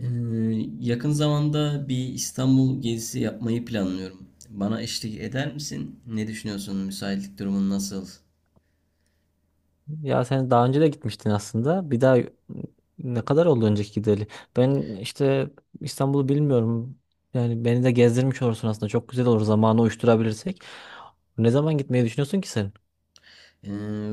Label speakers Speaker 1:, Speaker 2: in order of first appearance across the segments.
Speaker 1: Ee, Yakın zamanda bir İstanbul gezisi yapmayı planlıyorum. Bana eşlik eder misin? Ne düşünüyorsun? Müsaitlik durumun nasıl?
Speaker 2: Ya sen daha önce de gitmiştin aslında. Bir daha ne kadar oldu önceki gideli? Ben işte İstanbul'u bilmiyorum. Yani beni de gezdirmiş olursun aslında. Çok güzel olur zamanı uyuşturabilirsek. Ne zaman gitmeyi düşünüyorsun ki sen?
Speaker 1: Ee,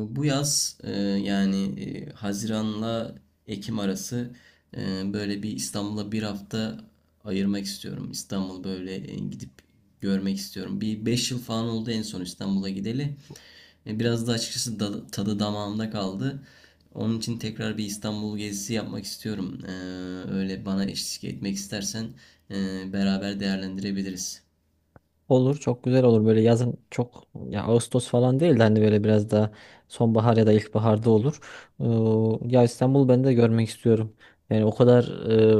Speaker 1: Bu yaz yani Haziran'la Ekim arası böyle bir İstanbul'a bir hafta ayırmak istiyorum. İstanbul böyle gidip görmek istiyorum. Bir 5 yıl falan oldu en son İstanbul'a gideli. Biraz da açıkçası tadı damağımda kaldı. Onun için tekrar bir İstanbul gezisi yapmak istiyorum. Öyle bana eşlik etmek istersen beraber değerlendirebiliriz.
Speaker 2: Olur, çok güzel olur böyle yazın, çok ya Ağustos falan değil de hani böyle biraz daha sonbahar ya da ilkbaharda olur. Ya İstanbul ben de görmek istiyorum. Yani o kadar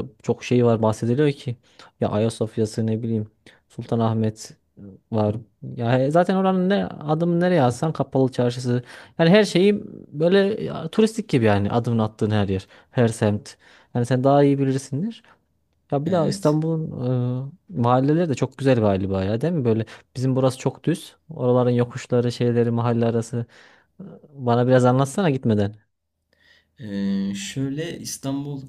Speaker 2: çok şey var bahsediliyor ki, ya Ayasofya'sı, ne bileyim Sultanahmet var. Ya zaten oranın, ne adımı nereye atsan, kapalı çarşısı. Yani her şeyi böyle ya, turistik gibi, yani adımını attığın her yer, her semt. Yani sen daha iyi bilirsindir. Ya bir daha
Speaker 1: Evet.
Speaker 2: İstanbul'un mahalleleri de çok güzel galiba ya, değil mi? Böyle bizim burası çok düz. Oraların yokuşları, şeyleri, mahalle arası. E, Bana biraz anlatsana gitmeden.
Speaker 1: Şöyle İstanbul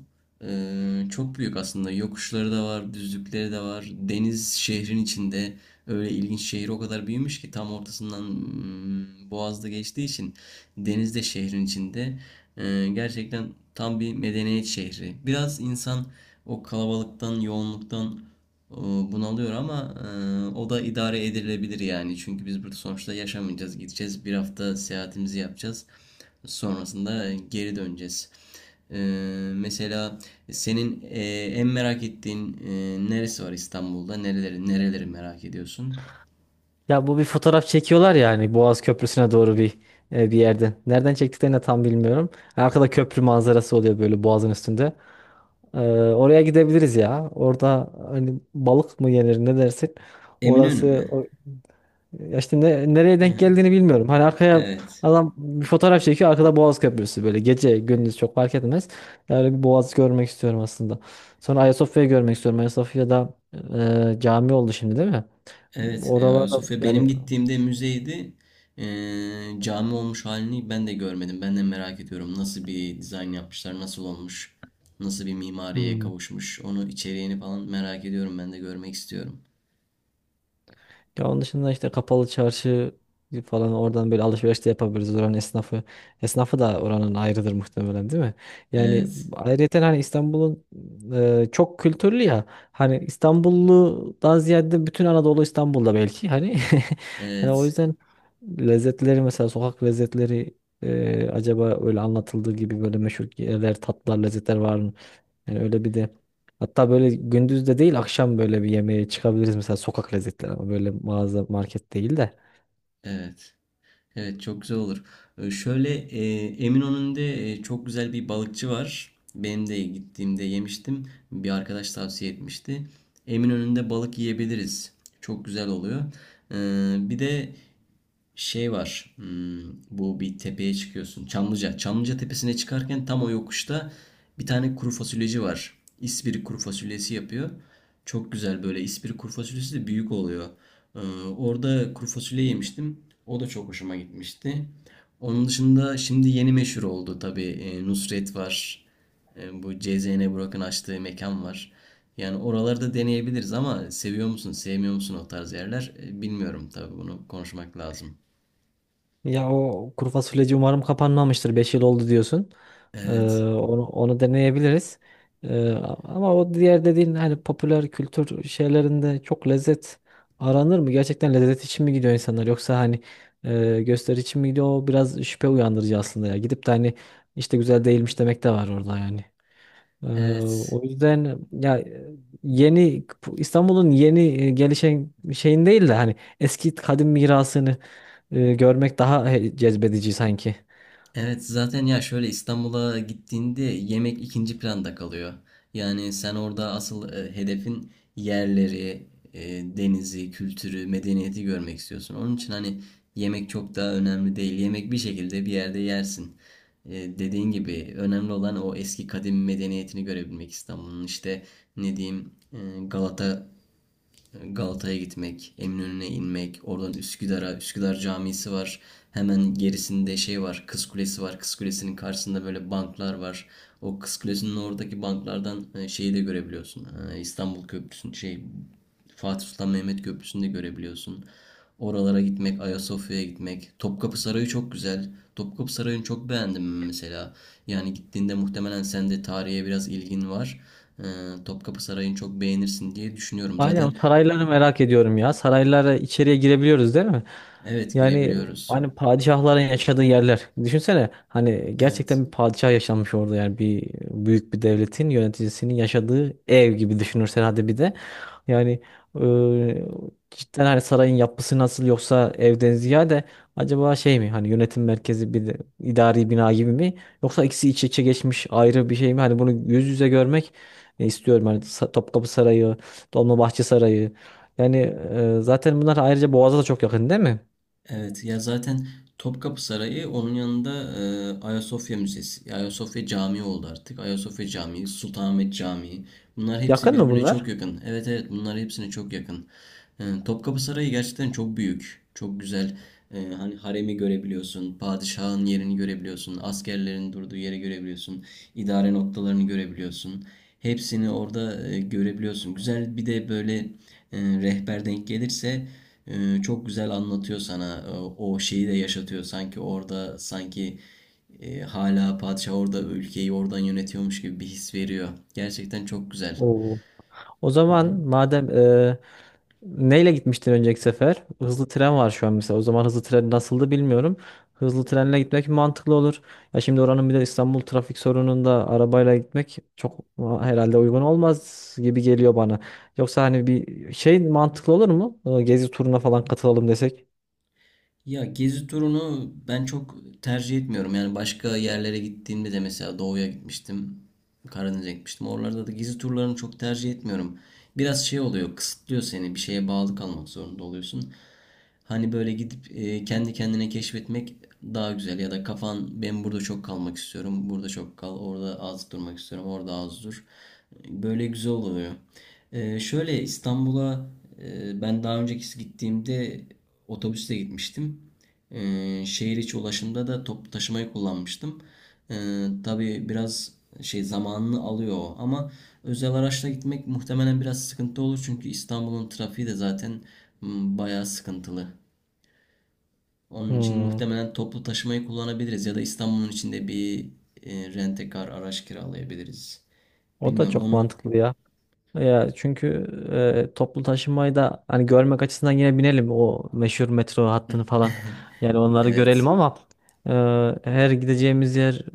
Speaker 1: çok büyük aslında. Yokuşları da var, düzlükleri de var. Deniz şehrin içinde. Öyle ilginç şehir, o kadar büyümüş ki tam ortasından Boğaz'da geçtiği için deniz de şehrin içinde. Gerçekten tam bir medeniyet şehri. Biraz insan o kalabalıktan, yoğunluktan bunalıyor ama o da idare edilebilir yani. Çünkü biz burada sonuçta yaşamayacağız, gideceğiz. Bir hafta seyahatimizi yapacağız. Sonrasında geri döneceğiz. E, Mesela senin en merak ettiğin neresi var İstanbul'da? Nereleri, nereleri merak ediyorsun?
Speaker 2: Ya bu bir fotoğraf çekiyorlar yani Boğaz Köprüsü'ne doğru bir yerde. Nereden çektiklerini de tam bilmiyorum. Arkada köprü manzarası oluyor böyle Boğaz'ın üstünde. E, oraya gidebiliriz ya. Orada hani balık mı yenir, ne dersin?
Speaker 1: Eminönü
Speaker 2: Orası.
Speaker 1: mü?
Speaker 2: Ya işte nereye
Speaker 1: Hı
Speaker 2: denk
Speaker 1: hı.
Speaker 2: geldiğini bilmiyorum. Hani arkaya
Speaker 1: Evet.
Speaker 2: adam bir fotoğraf çekiyor, arkada Boğaz Köprüsü, böyle gece gündüz çok fark etmez. Öyle bir Boğaz görmek istiyorum aslında. Sonra Ayasofya'yı görmek istiyorum. Ayasofya'da cami oldu şimdi, değil mi?
Speaker 1: Evet,
Speaker 2: Oralarda
Speaker 1: Ayasofya benim
Speaker 2: yani.
Speaker 1: gittiğimde müzeydi. E, Cami olmuş halini ben de görmedim. Ben de merak ediyorum nasıl bir dizayn yapmışlar, nasıl olmuş, nasıl bir mimariye kavuşmuş. Onu içeriğini falan merak ediyorum. Ben de görmek istiyorum.
Speaker 2: Ya onun dışında işte kapalı çarşı falan, oradan böyle alışveriş de yapabiliriz, oranın esnafı. Esnafı da oranın ayrıdır muhtemelen, değil mi? Yani
Speaker 1: Evet,
Speaker 2: ayrıyeten hani İstanbul'un çok kültürlü ya. Hani İstanbullu daha ziyade, bütün Anadolu İstanbul'da belki hani. Yani o
Speaker 1: evet,
Speaker 2: yüzden lezzetleri, mesela sokak lezzetleri, acaba öyle anlatıldığı gibi böyle meşhur yerler, tatlar, lezzetler var mı? Yani öyle bir de, hatta böyle gündüz de değil, akşam böyle bir yemeğe çıkabiliriz, mesela sokak lezzetleri, ama böyle mağaza market değil de.
Speaker 1: evet. Evet, çok güzel olur. Şöyle Eminönü'nde çok güzel bir balıkçı var. Benim de gittiğimde yemiştim. Bir arkadaş tavsiye etmişti. Eminönü'nde balık yiyebiliriz. Çok güzel oluyor. Bir de şey var. Bu bir tepeye çıkıyorsun. Çamlıca. Çamlıca tepesine çıkarken tam o yokuşta bir tane kuru fasulyeci var. İspiri kuru fasulyesi yapıyor. Çok güzel böyle. İspiri kuru fasulyesi de büyük oluyor. Ee, Orada kuru fasulye yemiştim. O da çok hoşuma gitmişti. Onun dışında şimdi yeni meşhur oldu tabii. Nusret var. Bu CZN Burak'ın açtığı mekan var. Yani oralarda deneyebiliriz ama seviyor musun, sevmiyor musun o tarz yerler? Bilmiyorum tabii, bunu konuşmak lazım.
Speaker 2: Ya o kuru fasulyeci umarım kapanmamıştır. 5 yıl oldu diyorsun. Ee,
Speaker 1: Evet.
Speaker 2: onu deneyebiliriz. Ee, ama o diğer dediğin, hani popüler kültür şeylerinde çok lezzet aranır mı? Gerçekten lezzet için mi gidiyor insanlar, yoksa hani gösteri için mi gidiyor? O biraz şüphe uyandırıcı aslında ya. Gidip de hani işte güzel değilmiş demek de var orada yani. Ee,
Speaker 1: Evet.
Speaker 2: o yüzden ya, yeni İstanbul'un yeni gelişen şeyin değil de hani eski kadim mirasını görmek daha cezbedici sanki.
Speaker 1: Evet, zaten ya şöyle İstanbul'a gittiğinde yemek ikinci planda kalıyor. Yani sen orada asıl hedefin yerleri, e, denizi, kültürü, medeniyeti görmek istiyorsun. Onun için hani yemek çok daha önemli değil. Yemek bir şekilde bir yerde yersin. E, Dediğin gibi önemli olan o eski kadim medeniyetini görebilmek İstanbul'un. İşte ne diyeyim, Galata Galata'ya gitmek, Eminönü'ne inmek, oradan Üsküdar'a, Üsküdar Camisi var. Hemen gerisinde şey var, Kız Kulesi var. Kız Kulesi'nin karşısında böyle banklar var. O Kız Kulesi'nin oradaki banklardan şeyi de görebiliyorsun. İstanbul Köprüsü'nün Fatih Sultan Mehmet Köprüsü'nü de görebiliyorsun. Oralara gitmek, Ayasofya'ya gitmek. Topkapı Sarayı çok güzel. Topkapı Sarayı'nı çok beğendim mesela. Yani gittiğinde muhtemelen sen de tarihe biraz ilgin var. Ee, Topkapı Sarayı'nı çok beğenirsin diye düşünüyorum.
Speaker 2: Aynen, o
Speaker 1: Zaten.
Speaker 2: sarayları merak ediyorum ya. Saraylara içeriye girebiliyoruz değil mi?
Speaker 1: Evet,
Speaker 2: Yani
Speaker 1: girebiliyoruz.
Speaker 2: hani padişahların yaşadığı yerler. Düşünsene hani,
Speaker 1: Evet.
Speaker 2: gerçekten bir padişah yaşanmış orada, yani bir büyük bir devletin yöneticisinin yaşadığı ev gibi düşünürsen hadi bir de. Yani cidden hani sarayın yapısı nasıl, yoksa evden ziyade acaba şey mi, hani yönetim merkezi bir de idari bina gibi mi, yoksa ikisi iç içe geçmiş ayrı bir şey mi? Hani bunu yüz yüze görmek istiyorum hani, Topkapı Sarayı, Dolmabahçe Sarayı. Yani zaten bunlar ayrıca Boğaz'a da çok yakın değil mi?
Speaker 1: Evet ya, zaten Topkapı Sarayı onun yanında Ayasofya Müzesi. Ayasofya Camii oldu artık. Ayasofya Camii, Sultanahmet Camii. Bunlar hepsi
Speaker 2: Yakın mı
Speaker 1: birbirine çok
Speaker 2: bunlar?
Speaker 1: yakın. Evet, evet, bunlar hepsine çok yakın. Topkapı Sarayı gerçekten çok büyük. Çok güzel. Hani haremi görebiliyorsun. Padişahın yerini görebiliyorsun. Askerlerin durduğu yeri görebiliyorsun. İdare noktalarını görebiliyorsun. Hepsini orada görebiliyorsun. Güzel, bir de böyle rehber denk gelirse çok güzel anlatıyor sana. O şeyi de yaşatıyor sanki orada, sanki hala padişah orada ülkeyi oradan yönetiyormuş gibi bir his veriyor. Gerçekten çok güzel.
Speaker 2: Oo. O zaman madem, e, neyle gitmiştin önceki sefer? Hızlı tren var şu an mesela. O zaman hızlı tren nasıldı bilmiyorum. Hızlı trenle gitmek mantıklı olur. Ya şimdi oranın bir de İstanbul trafik sorununda arabayla gitmek çok herhalde uygun olmaz gibi geliyor bana. Yoksa hani bir şey mantıklı olur mu? Gezi turuna falan katılalım desek.
Speaker 1: Ya gezi turunu ben çok tercih etmiyorum. Yani başka yerlere gittiğimde de mesela doğuya gitmiştim. Karadeniz'e gitmiştim. Oralarda da gezi turlarını çok tercih etmiyorum. Biraz şey oluyor, kısıtlıyor seni. Bir şeye bağlı kalmak zorunda oluyorsun. Hani böyle gidip kendi kendine keşfetmek daha güzel. Ya da kafan, ben burada çok kalmak istiyorum. Burada çok kal. Orada az durmak istiyorum. Orada az dur. Böyle güzel oluyor. Şöyle İstanbul'a ben daha önceki gittiğimde otobüsle gitmiştim. Şehir içi ulaşımda da toplu taşımayı kullanmıştım. Tabii biraz zamanını alıyor o, ama özel araçla gitmek muhtemelen biraz sıkıntı olur çünkü İstanbul'un trafiği de zaten bayağı sıkıntılı. Onun için
Speaker 2: Hmm,
Speaker 1: muhtemelen toplu taşımayı kullanabiliriz ya da İstanbul'un içinde bir rent-a-car araç kiralayabiliriz.
Speaker 2: o da
Speaker 1: Bilmiyorum
Speaker 2: çok
Speaker 1: onu.
Speaker 2: mantıklı ya. Ya çünkü toplu taşımayı da hani görmek açısından yine binelim o meşhur metro hattını falan. Yani onları görelim,
Speaker 1: Evet.
Speaker 2: ama e, her gideceğimiz yer,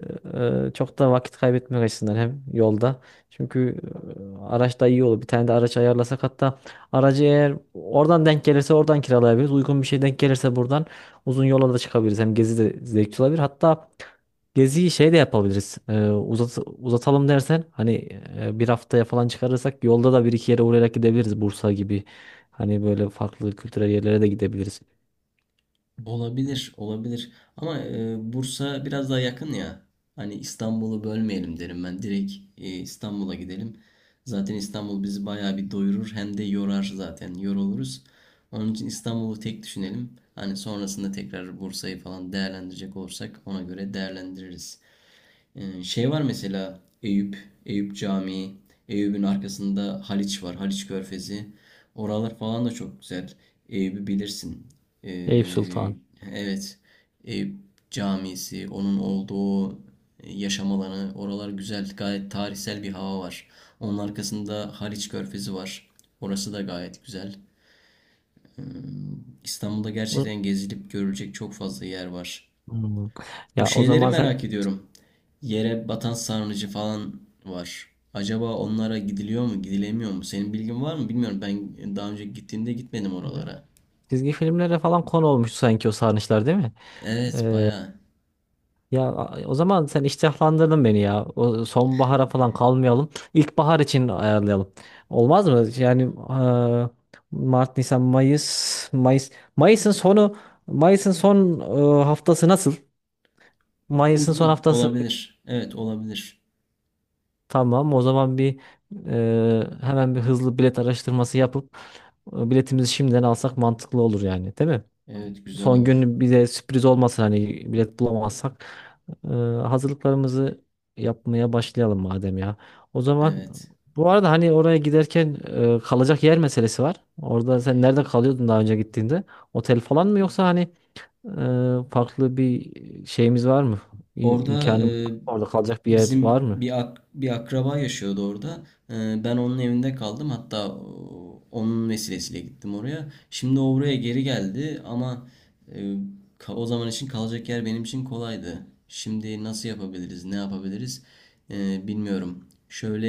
Speaker 2: çok da vakit kaybetmek açısından hem yolda. Çünkü araç da iyi olur. Bir tane de araç ayarlasak, hatta aracı eğer oradan denk gelirse oradan kiralayabiliriz. Uygun bir şey denk gelirse buradan uzun yola da çıkabiliriz. Hem gezi de zevkli olabilir. Hatta geziyi şey de yapabiliriz. Uzatalım dersen hani, bir haftaya falan çıkarırsak yolda da bir iki yere uğrayarak gidebiliriz. Bursa gibi, hani böyle farklı kültürel yerlere de gidebiliriz.
Speaker 1: Olabilir, olabilir. Ama Bursa biraz daha yakın ya. Hani İstanbul'u bölmeyelim derim ben. Direkt İstanbul'a gidelim. Zaten İstanbul bizi bayağı bir doyurur. Hem de yorar zaten. Yoruluruz. Onun için İstanbul'u tek düşünelim. Hani sonrasında tekrar Bursa'yı falan değerlendirecek olursak ona göre değerlendiririz. Şey var mesela Eyüp, Eyüp Camii, Eyüp'ün arkasında Haliç var, Haliç Körfezi. Oralar falan da çok güzel. Eyüp'ü bilirsin.
Speaker 2: Eyüp
Speaker 1: Ee,
Speaker 2: Sultan.
Speaker 1: evet, Eyüp Camisi, onun olduğu yaşam alanı, oralar güzel, gayet tarihsel bir hava var. Onun arkasında Haliç Körfezi var. Orası da gayet güzel. İstanbul'da gerçekten gezilip görülecek çok fazla yer var.
Speaker 2: Hmm.
Speaker 1: Bu
Speaker 2: Ya o
Speaker 1: şeyleri
Speaker 2: zaman sen,
Speaker 1: merak ediyorum. Yere batan sarnıcı falan var. Acaba onlara gidiliyor mu, gidilemiyor mu? Senin bilgin var mı? Bilmiyorum. Ben daha önce gittiğimde gitmedim
Speaker 2: ya,
Speaker 1: oralara.
Speaker 2: çizgi filmlere falan konu olmuş sanki o sarnıçlar değil mi?
Speaker 1: Evet,
Speaker 2: Ee,
Speaker 1: bayağı.
Speaker 2: Ya o zaman sen iştahlandırdın beni ya. O sonbahara falan kalmayalım. İlkbahar için ayarlayalım. Olmaz mı? Yani eee, Mart, Nisan, Mayıs, Mayıs. Mayıs'ın sonu Mayıs'ın son haftası nasıl? Mayıs'ın son
Speaker 1: Uygun
Speaker 2: haftası.
Speaker 1: olabilir. Evet, olabilir.
Speaker 2: Tamam. O zaman bir, hemen bir hızlı bilet araştırması yapıp biletimizi şimdiden alsak mantıklı olur yani, değil mi?
Speaker 1: Evet, güzel
Speaker 2: Son
Speaker 1: olur.
Speaker 2: gün bize sürpriz olmasın hani, bilet bulamazsak. Ee, hazırlıklarımızı yapmaya başlayalım madem ya. O zaman
Speaker 1: Evet.
Speaker 2: bu arada hani oraya giderken kalacak yer meselesi var. Orada sen nerede kalıyordun daha önce gittiğinde? Otel falan mı, yoksa hani farklı bir şeyimiz var mı?
Speaker 1: Orada
Speaker 2: İmkanımız var mı? Orada kalacak bir yer var
Speaker 1: bizim
Speaker 2: mı?
Speaker 1: bir bir akraba yaşıyordu orada. Ben onun evinde kaldım. Hatta onun vesilesiyle gittim oraya. Şimdi o buraya geri geldi ama e, o zaman için kalacak yer benim için kolaydı. Şimdi nasıl yapabiliriz, ne yapabiliriz? Bilmiyorum. Şöyle,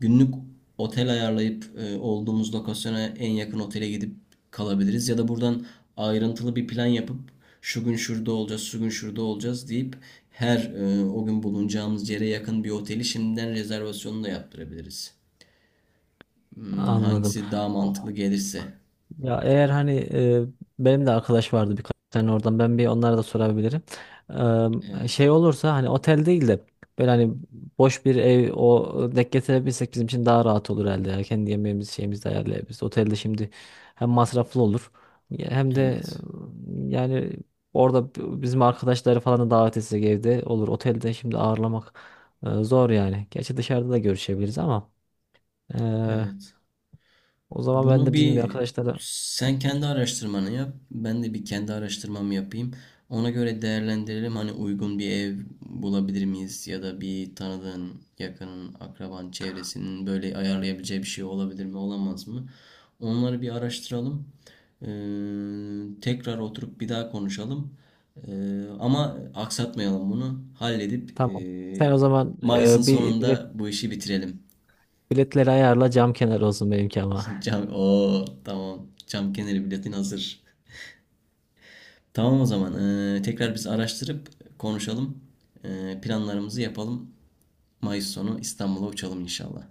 Speaker 1: günlük otel ayarlayıp olduğumuz lokasyona en yakın otele gidip kalabiliriz. Ya da buradan ayrıntılı bir plan yapıp şu gün şurada olacağız, şu gün şurada olacağız deyip her o gün bulunacağımız yere yakın bir oteli şimdiden rezervasyonunu da yaptırabiliriz. Hmm,
Speaker 2: Anladım.
Speaker 1: hangisi daha mantıklı gelirse.
Speaker 2: Ya eğer hani, benim de arkadaş vardı birkaç tane oradan, ben bir onlara da sorabilirim.
Speaker 1: Evet.
Speaker 2: Şey olursa, hani otel değil de böyle hani boş bir ev o denk getirebilsek bizim için daha rahat olur herhalde. Ya. Kendi yemeğimizi, şeyimizi de ayarlayabiliriz. Otelde şimdi hem masraflı olur, hem de
Speaker 1: Evet,
Speaker 2: yani orada bizim arkadaşları falan da davet etsek evde olur. Otelde şimdi ağırlamak zor yani. Gerçi dışarıda da görüşebiliriz ama e,
Speaker 1: evet.
Speaker 2: o zaman ben
Speaker 1: Bunu
Speaker 2: de bizim bir
Speaker 1: bir
Speaker 2: arkadaşlara.
Speaker 1: sen kendi araştırmanı yap. Ben de bir kendi araştırmamı yapayım. Ona göre değerlendirelim. Hani uygun bir ev bulabilir miyiz? Ya da bir tanıdığın, yakının, akraban, çevresinin böyle ayarlayabileceği bir şey olabilir mi, olamaz mı? Onları bir araştıralım. Ee, Tekrar oturup bir daha konuşalım. Ama aksatmayalım bunu. Halledip
Speaker 2: Tamam. Sen o zaman
Speaker 1: Mayıs'ın sonunda bu işi bitirelim.
Speaker 2: biletleri ayarla, cam kenarı olsun benimki ama.
Speaker 1: Cam, o tamam. Cam kenarı biletin hazır. Tamam o zaman. Tekrar biz araştırıp konuşalım. Planlarımızı yapalım. Mayıs sonu İstanbul'a uçalım inşallah.